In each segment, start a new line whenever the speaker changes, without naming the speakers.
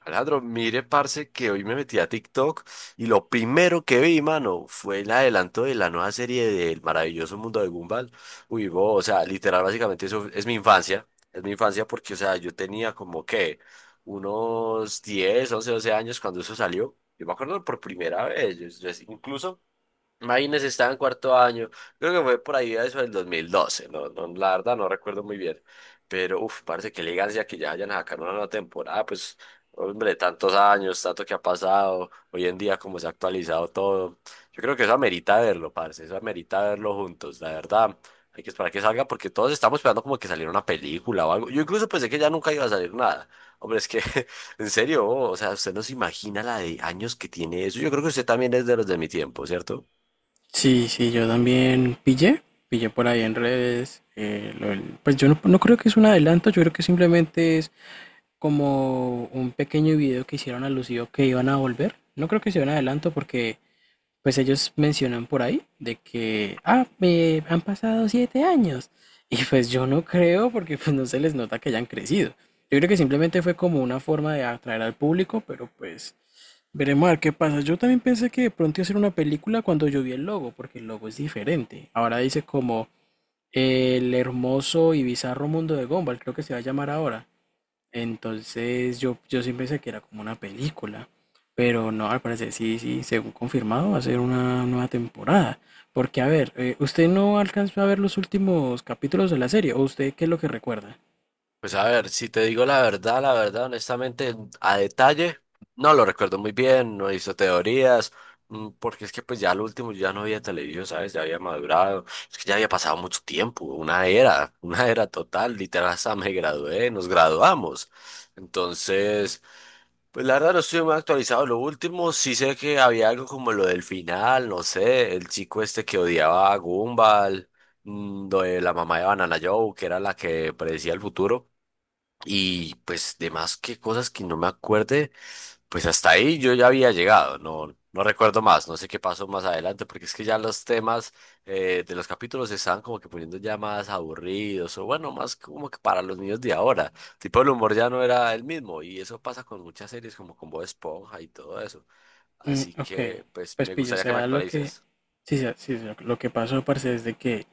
Alejandro, mire, parce, que hoy me metí a TikTok y lo primero que vi, mano, fue el adelanto de la nueva serie del maravilloso mundo de Gumball. Uy, bo, o sea, literal, básicamente eso es mi infancia. Es mi infancia porque, o sea, yo tenía como que unos 10, 11, 12 años cuando eso salió. Yo me acuerdo por primera vez. Incluso imagínense, estaba en cuarto año. Creo que fue por ahí a eso del 2012. No, no, la verdad no recuerdo muy bien. Pero, uff, parece que elegancia que ya hayan sacado una nueva temporada. Pues, hombre, tantos años, tanto que ha pasado. Hoy en día, como se ha actualizado todo. Yo creo que eso amerita verlo, parce. Eso amerita verlo juntos. La verdad, hay que esperar que salga porque todos estamos esperando como que saliera una película o algo. Yo incluso pensé que ya nunca iba a salir nada. Hombre, es que, en serio, o sea, usted no se imagina la de años que tiene eso. Yo creo que usted también es de los de mi tiempo, ¿cierto?
Sí, sí, yo también pillé, pillé por ahí en redes. Lo pues yo no, no creo que es un adelanto, yo creo que simplemente es como un pequeño video que hicieron alusivo que iban a volver. No creo que sea un adelanto porque pues ellos mencionan por ahí de que, me han pasado 7 años. Y pues yo no creo porque pues no se les nota que hayan crecido. Yo creo que simplemente fue como una forma de atraer al público, pero pues veremos a ver qué pasa. Yo también pensé que de pronto iba a ser una película cuando yo vi el logo, porque el logo es diferente. Ahora dice como el hermoso y bizarro mundo de Gumball, creo que se va a llamar ahora. Entonces yo sí pensé que era como una película, pero no, al parecer sí, sí, según confirmado va a ser una nueva temporada. Porque a ver, ¿usted no alcanzó a ver los últimos capítulos de la serie? ¿O usted qué es lo que recuerda?
Pues a ver, si te digo la verdad, honestamente, a detalle, no lo recuerdo muy bien, no hizo teorías, porque es que pues ya al último yo ya no había television, ¿sabes? Ya había madurado, es que ya había pasado mucho tiempo, una era, una era total, literal, hasta me gradué, nos graduamos. Entonces, pues la verdad no estoy muy actualizado, lo último sí sé que había algo como lo del final, no sé, el chico este que odiaba a Gumball, lo de la mamá de Banana Joe, que era la que predecía el futuro. Y pues demás que cosas que no me acuerde, pues hasta ahí yo ya había llegado, no, no recuerdo más, no sé qué pasó más adelante, porque es que ya los temas de los capítulos se estaban como que poniendo ya más aburridos, o bueno, más como que para los niños de ahora, tipo el humor ya no era el mismo, y eso pasa con muchas series como con Bob Esponja y todo eso,
Mm,
así
ok,
que pues
pues
me
pillo, o
gustaría que me
sea, lo que...
actualices.
Sí, sí, sí, lo que pasó, parce, es de que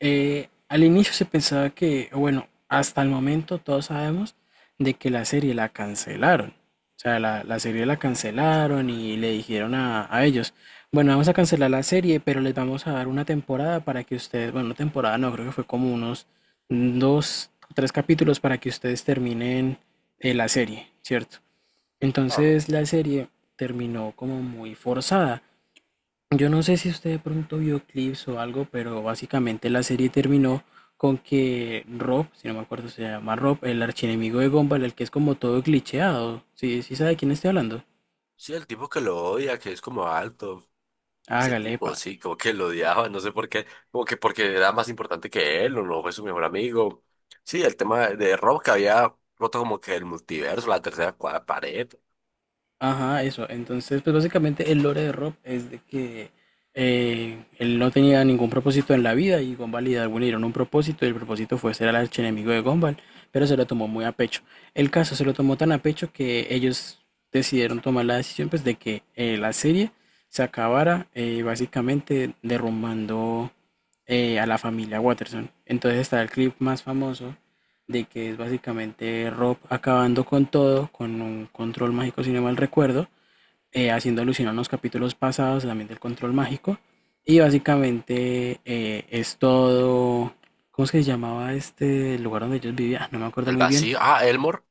Al inicio se pensaba que, o bueno, hasta el momento todos sabemos de que la serie la cancelaron. O sea, la serie la cancelaron y le dijeron a ellos, bueno, vamos a cancelar la serie, pero les vamos a dar una temporada para que ustedes, bueno, no temporada no, creo que fue como unos dos, tres capítulos para que ustedes terminen la serie, ¿cierto?
Claro.
Entonces la serie terminó como muy forzada. Yo no sé si usted de pronto vio clips o algo, pero básicamente la serie terminó con que Rob, si no me acuerdo se llama Rob, el archienemigo de Gumball, el que es como todo glitcheado. Sí, sí sabe de quién estoy hablando.
Sí, el tipo que lo odia, que es como alto. Ese
Hágale,
tipo,
pa.
sí, como que lo odiaba, no sé por qué, como que porque era más importante que él, o no fue su mejor amigo. Sí, el tema de Rob que había roto como que el multiverso, la pared,
Ajá, eso. Entonces, pues básicamente el lore de Rob es de que él no tenía ningún propósito en la vida y Gumball y Darwin le dieron un propósito y el propósito fue ser el archienemigo de Gumball, pero se lo tomó muy a pecho. El caso se lo tomó tan a pecho que ellos decidieron tomar la decisión pues de que la serie se acabara básicamente derrumbando a la familia Watterson. Entonces está el clip más famoso de que es básicamente Rob acabando con todo, con un control mágico, si no mal recuerdo, haciendo alusión a unos capítulos pasados también del control mágico. Y básicamente es todo, ¿cómo es que se llamaba este lugar donde ellos vivían? No me acuerdo
el
muy bien,
vacío. Ah, Elmore.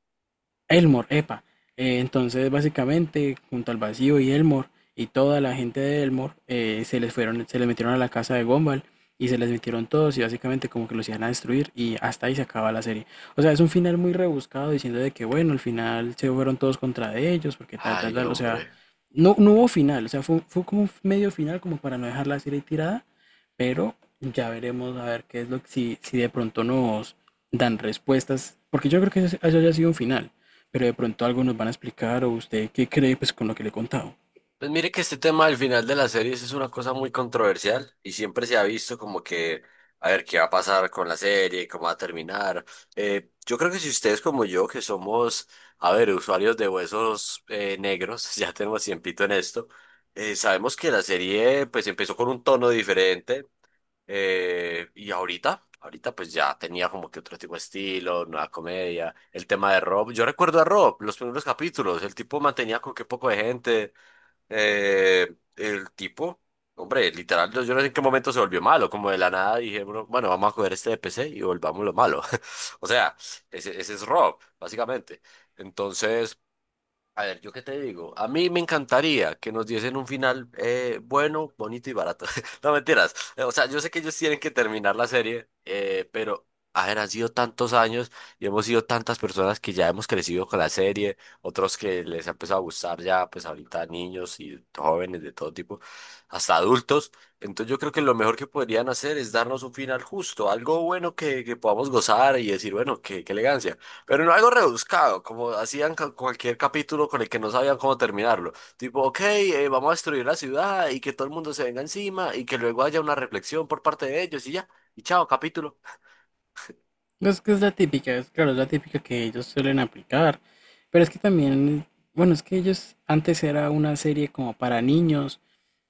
Elmore, epa. Entonces, básicamente, junto al vacío y Elmore y toda la gente de Elmore se les fueron, se les metieron a la casa de Gumball y se les metieron todos y básicamente como que los iban a destruir y hasta ahí se acaba la serie. O sea, es un final muy rebuscado diciendo de que bueno, al final se fueron todos contra de ellos porque tal, tal,
Ay,
tal. O sea,
hombre.
no hubo final, o sea, fue como un medio final como para no dejar la serie tirada pero ya veremos a ver qué es lo que, si, si de pronto nos dan respuestas, porque yo creo que eso ya sido un final, pero de pronto algo nos van a explicar o usted qué cree pues con lo que le he contado.
Pues mire que este tema del final de las series es una cosa muy controversial y siempre se ha visto como que a ver qué va a pasar con la serie, cómo va a terminar. Yo creo que si ustedes como yo, que somos, a ver, usuarios de huesos negros, ya tenemos tiempito en esto, sabemos que la serie pues empezó con un tono diferente y ahorita pues ya tenía como que otro tipo de estilo, nueva comedia, el tema de Rob. Yo recuerdo a Rob, los primeros capítulos, el tipo mantenía con qué poco de gente. Eh, el tipo, Hombre, literal, yo no sé en qué momento se volvió malo, como de la nada dije, bueno, vamos a coger este de PC y volvamos lo malo. O sea, ese es Rob, básicamente. Entonces, a ver, ¿yo qué te digo? A mí me encantaría que nos diesen un final bueno, bonito y barato. No mentiras. O sea, yo sé que ellos tienen que terminar la serie, pero, a ver, han sido tantos años y hemos sido tantas personas que ya hemos crecido con la serie, otros que les ha empezado a gustar ya, pues ahorita niños y jóvenes de todo tipo, hasta adultos. Entonces yo creo que lo mejor que podrían hacer es darnos un final justo, algo bueno que podamos gozar y decir, bueno, qué elegancia. Pero no algo rebuscado, como hacían cualquier capítulo con el que no sabían cómo terminarlo. Tipo, ok, vamos a destruir la ciudad y que todo el mundo se venga encima y que luego haya una reflexión por parte de ellos y ya. Y chao, capítulo.
No, es que es la típica, es claro, es la típica que ellos suelen aplicar. Pero es que también, bueno, es que ellos antes era una serie como para niños.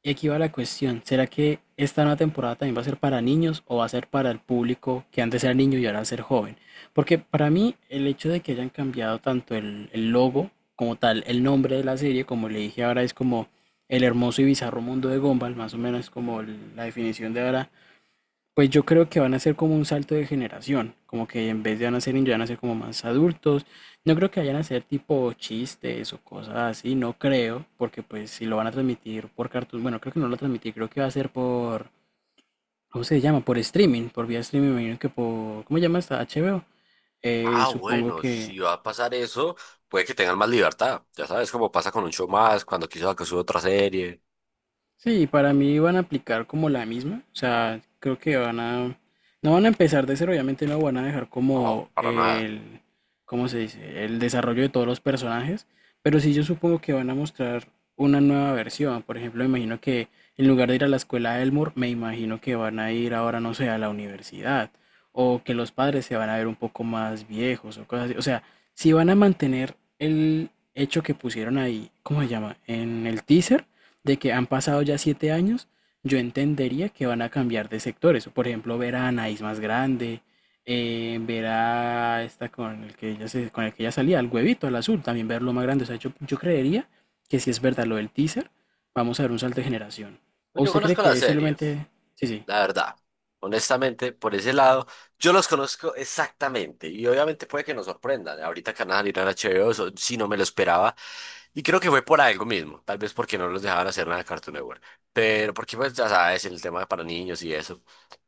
Y aquí va la cuestión, ¿será que esta nueva temporada también va a ser para niños o va a ser para el público que antes era niño y ahora va a ser joven? Porque para mí el hecho de que hayan cambiado tanto el logo como tal, el nombre de la serie, como le dije ahora, es como el hermoso y bizarro mundo de Gumball, más o menos como la definición de ahora pues yo creo que van a ser como un salto de generación, como que en vez de van a ser niños, van a ser como más adultos. No creo que vayan a ser tipo chistes o cosas así, no creo, porque pues si lo van a transmitir por Cartoon, bueno, creo que no lo transmití, creo que va a ser por, ¿cómo se llama? Por streaming, por vía streaming, me imagino que por, ¿cómo se llama esta? HBO. Eh,
Ah,
supongo
bueno,
que,
si va a pasar eso, puede que tengan más libertad. Ya sabes cómo pasa con un show más, cuando quiso que suba otra serie.
Sí, para mí van a aplicar como la misma, o sea, creo que van a, no van a empezar de cero, obviamente no van a dejar
No,
como
para nada.
¿cómo se dice? El desarrollo de todos los personajes, pero sí yo supongo que van a mostrar una nueva versión, por ejemplo, me imagino que en lugar de ir a la escuela de Elmore, me imagino que van a ir ahora, no sé, a la universidad, o que los padres se van a ver un poco más viejos o cosas así, o sea, si van a mantener el hecho que pusieron ahí, ¿cómo se llama? En el teaser de que han pasado ya 7 años, yo entendería que van a cambiar de sectores. Por ejemplo, ver a Anaís más grande, ver a esta con el que ella con el que ella salía, al huevito, al azul, también verlo más grande. O sea, yo creería que si es verdad lo del teaser, vamos a ver un salto de generación. ¿O
Pues yo
usted cree
conozco la
que es
serie.
simplemente... Sí, sí.
La verdad. Honestamente, por ese lado, yo los conozco exactamente y obviamente puede que nos sorprendan. Ahorita que van a salir en HBO, eso sí no me lo esperaba y creo que fue por algo mismo, tal vez porque no los dejaban hacer nada de Cartoon Network, pero porque pues ya sabes, el tema para niños y eso.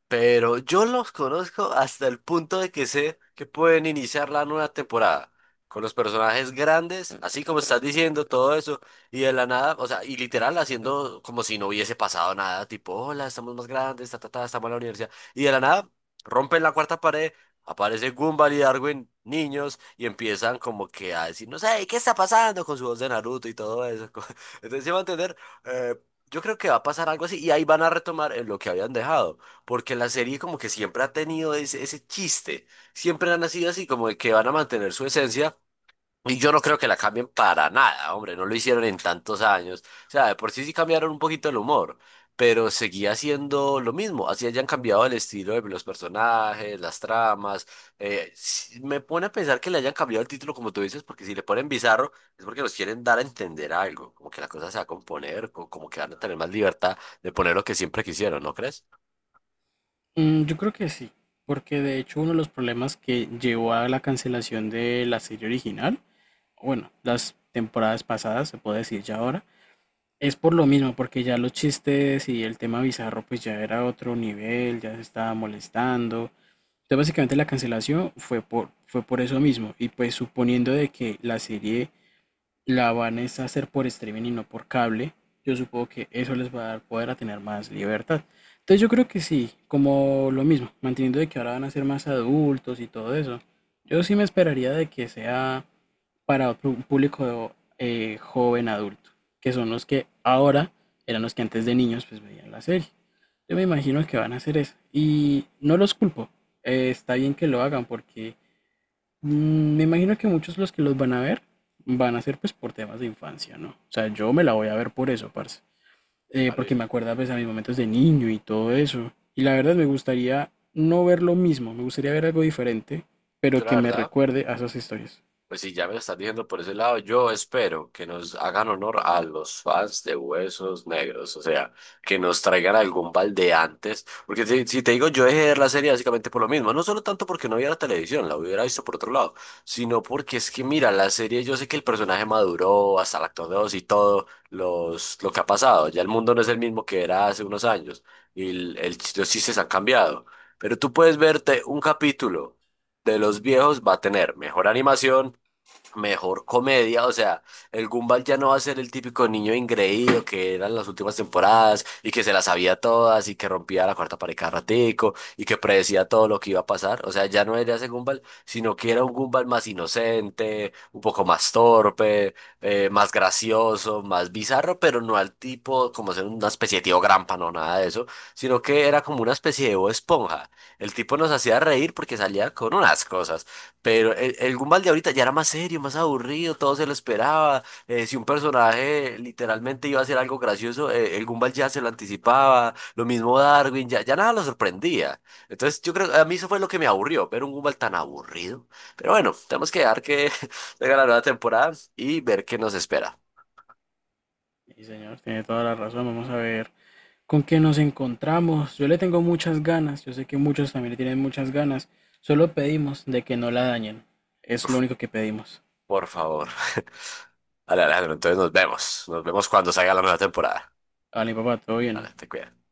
Pero yo los conozco hasta el punto de que sé que pueden iniciar la nueva temporada con los personajes grandes, así como estás diciendo todo eso, y de la nada, o sea, y literal haciendo como si no hubiese pasado nada, tipo, hola, estamos más grandes, ta, ta, ta, estamos en la universidad, y de la nada rompen la cuarta pared, aparece Gumball y Darwin, niños, y empiezan como que a decir, no sé, ¿qué está pasando? Con su voz de Naruto y todo eso. Entonces, se va a entender, eh, yo creo que va a pasar algo así, y ahí van a retomar en lo que habían dejado. Porque la serie como que siempre ha tenido ese chiste, siempre han nacido así, como de que van a mantener su esencia. Y yo no creo que la cambien para nada, hombre, no lo hicieron en tantos años. O sea, de por sí sí cambiaron un poquito el humor, pero seguía siendo lo mismo. Así hayan cambiado el estilo de los personajes, las tramas. Sí, me pone a pensar que le hayan cambiado el título, como tú dices, porque si le ponen bizarro es porque los quieren dar a entender algo, como que la cosa se va a componer, como que van a tener más libertad de poner lo que siempre quisieron, ¿no crees?
Mm, yo creo que sí, porque de hecho uno de los problemas que llevó a la cancelación de la serie original, o bueno, las temporadas pasadas, se puede decir ya ahora, es por lo mismo, porque ya los chistes y el tema bizarro pues ya era otro nivel, ya se estaba molestando. Entonces básicamente la cancelación fue por, fue por eso mismo. Y pues suponiendo de que la serie la van es a hacer por streaming y no por cable, yo supongo que eso les va a dar poder a tener más libertad. Entonces yo creo que sí, como lo mismo, manteniendo de que ahora van a ser más adultos y todo eso. Yo sí me esperaría de que sea para otro público joven adulto, que son los que ahora eran los que antes de niños pues veían la serie. Yo me imagino que van a hacer eso y no los culpo. Está bien que lo hagan porque mm, me imagino que muchos de los que los van a ver van a ser pues por temas de infancia, ¿no? O sea, yo me la voy a ver por eso, parce. Porque me acuerda pues a mis momentos de niño y todo eso. Y la verdad me gustaría no ver lo mismo, me gustaría ver algo diferente,
Yo
pero
la
que me
verdad,
recuerde a esas historias.
pues sí, ya me lo estás diciendo por ese lado. Yo espero que nos hagan honor a los fans de Huesos Negros, o sea, que nos traigan algún balde antes. Porque si, si te digo, yo dejé de ver la serie básicamente por lo mismo. No solo tanto porque no había la televisión, la hubiera visto por otro lado, sino porque es que, mira, la serie, yo sé que el personaje maduró hasta el actor 2 y todo los, lo que ha pasado. Ya el mundo no es el mismo que era hace unos años y los chistes han cambiado. Pero tú puedes verte un capítulo de los viejos va a tener mejor animación, mejor comedia, o sea, el Gumball ya no va a ser el típico niño ingreído que eran las últimas temporadas y que se las sabía todas y que rompía la cuarta pared cada ratico y que predecía todo lo que iba a pasar, o sea, ya no era ese Gumball, sino que era un Gumball más inocente, un poco más torpe, más gracioso, más bizarro, pero no al tipo como ser una especie de tío Grampa, no nada de eso, sino que era como una especie de Bob Esponja. El tipo nos hacía reír porque salía con unas cosas. Pero el Gumball de ahorita ya era más serio, más aburrido, todo se lo esperaba. Si un personaje literalmente iba a hacer algo gracioso, el Gumball ya se lo anticipaba. Lo mismo Darwin, ya nada lo sorprendía. Entonces yo creo, a mí eso fue lo que me aburrió, ver un Gumball tan aburrido. Pero bueno, tenemos que dejar que venga la nueva temporada y ver qué nos espera.
Sí, señor, tiene toda la razón. Vamos a ver con qué nos encontramos. Yo le tengo muchas ganas. Yo sé que muchos también le tienen muchas ganas. Solo pedimos de que no la dañen. Es lo único que pedimos.
Por favor. Vale, Alejandro, entonces nos vemos. Nos vemos cuando salga la nueva temporada.
Vale, papá, todo bien.
Vale, te cuidas.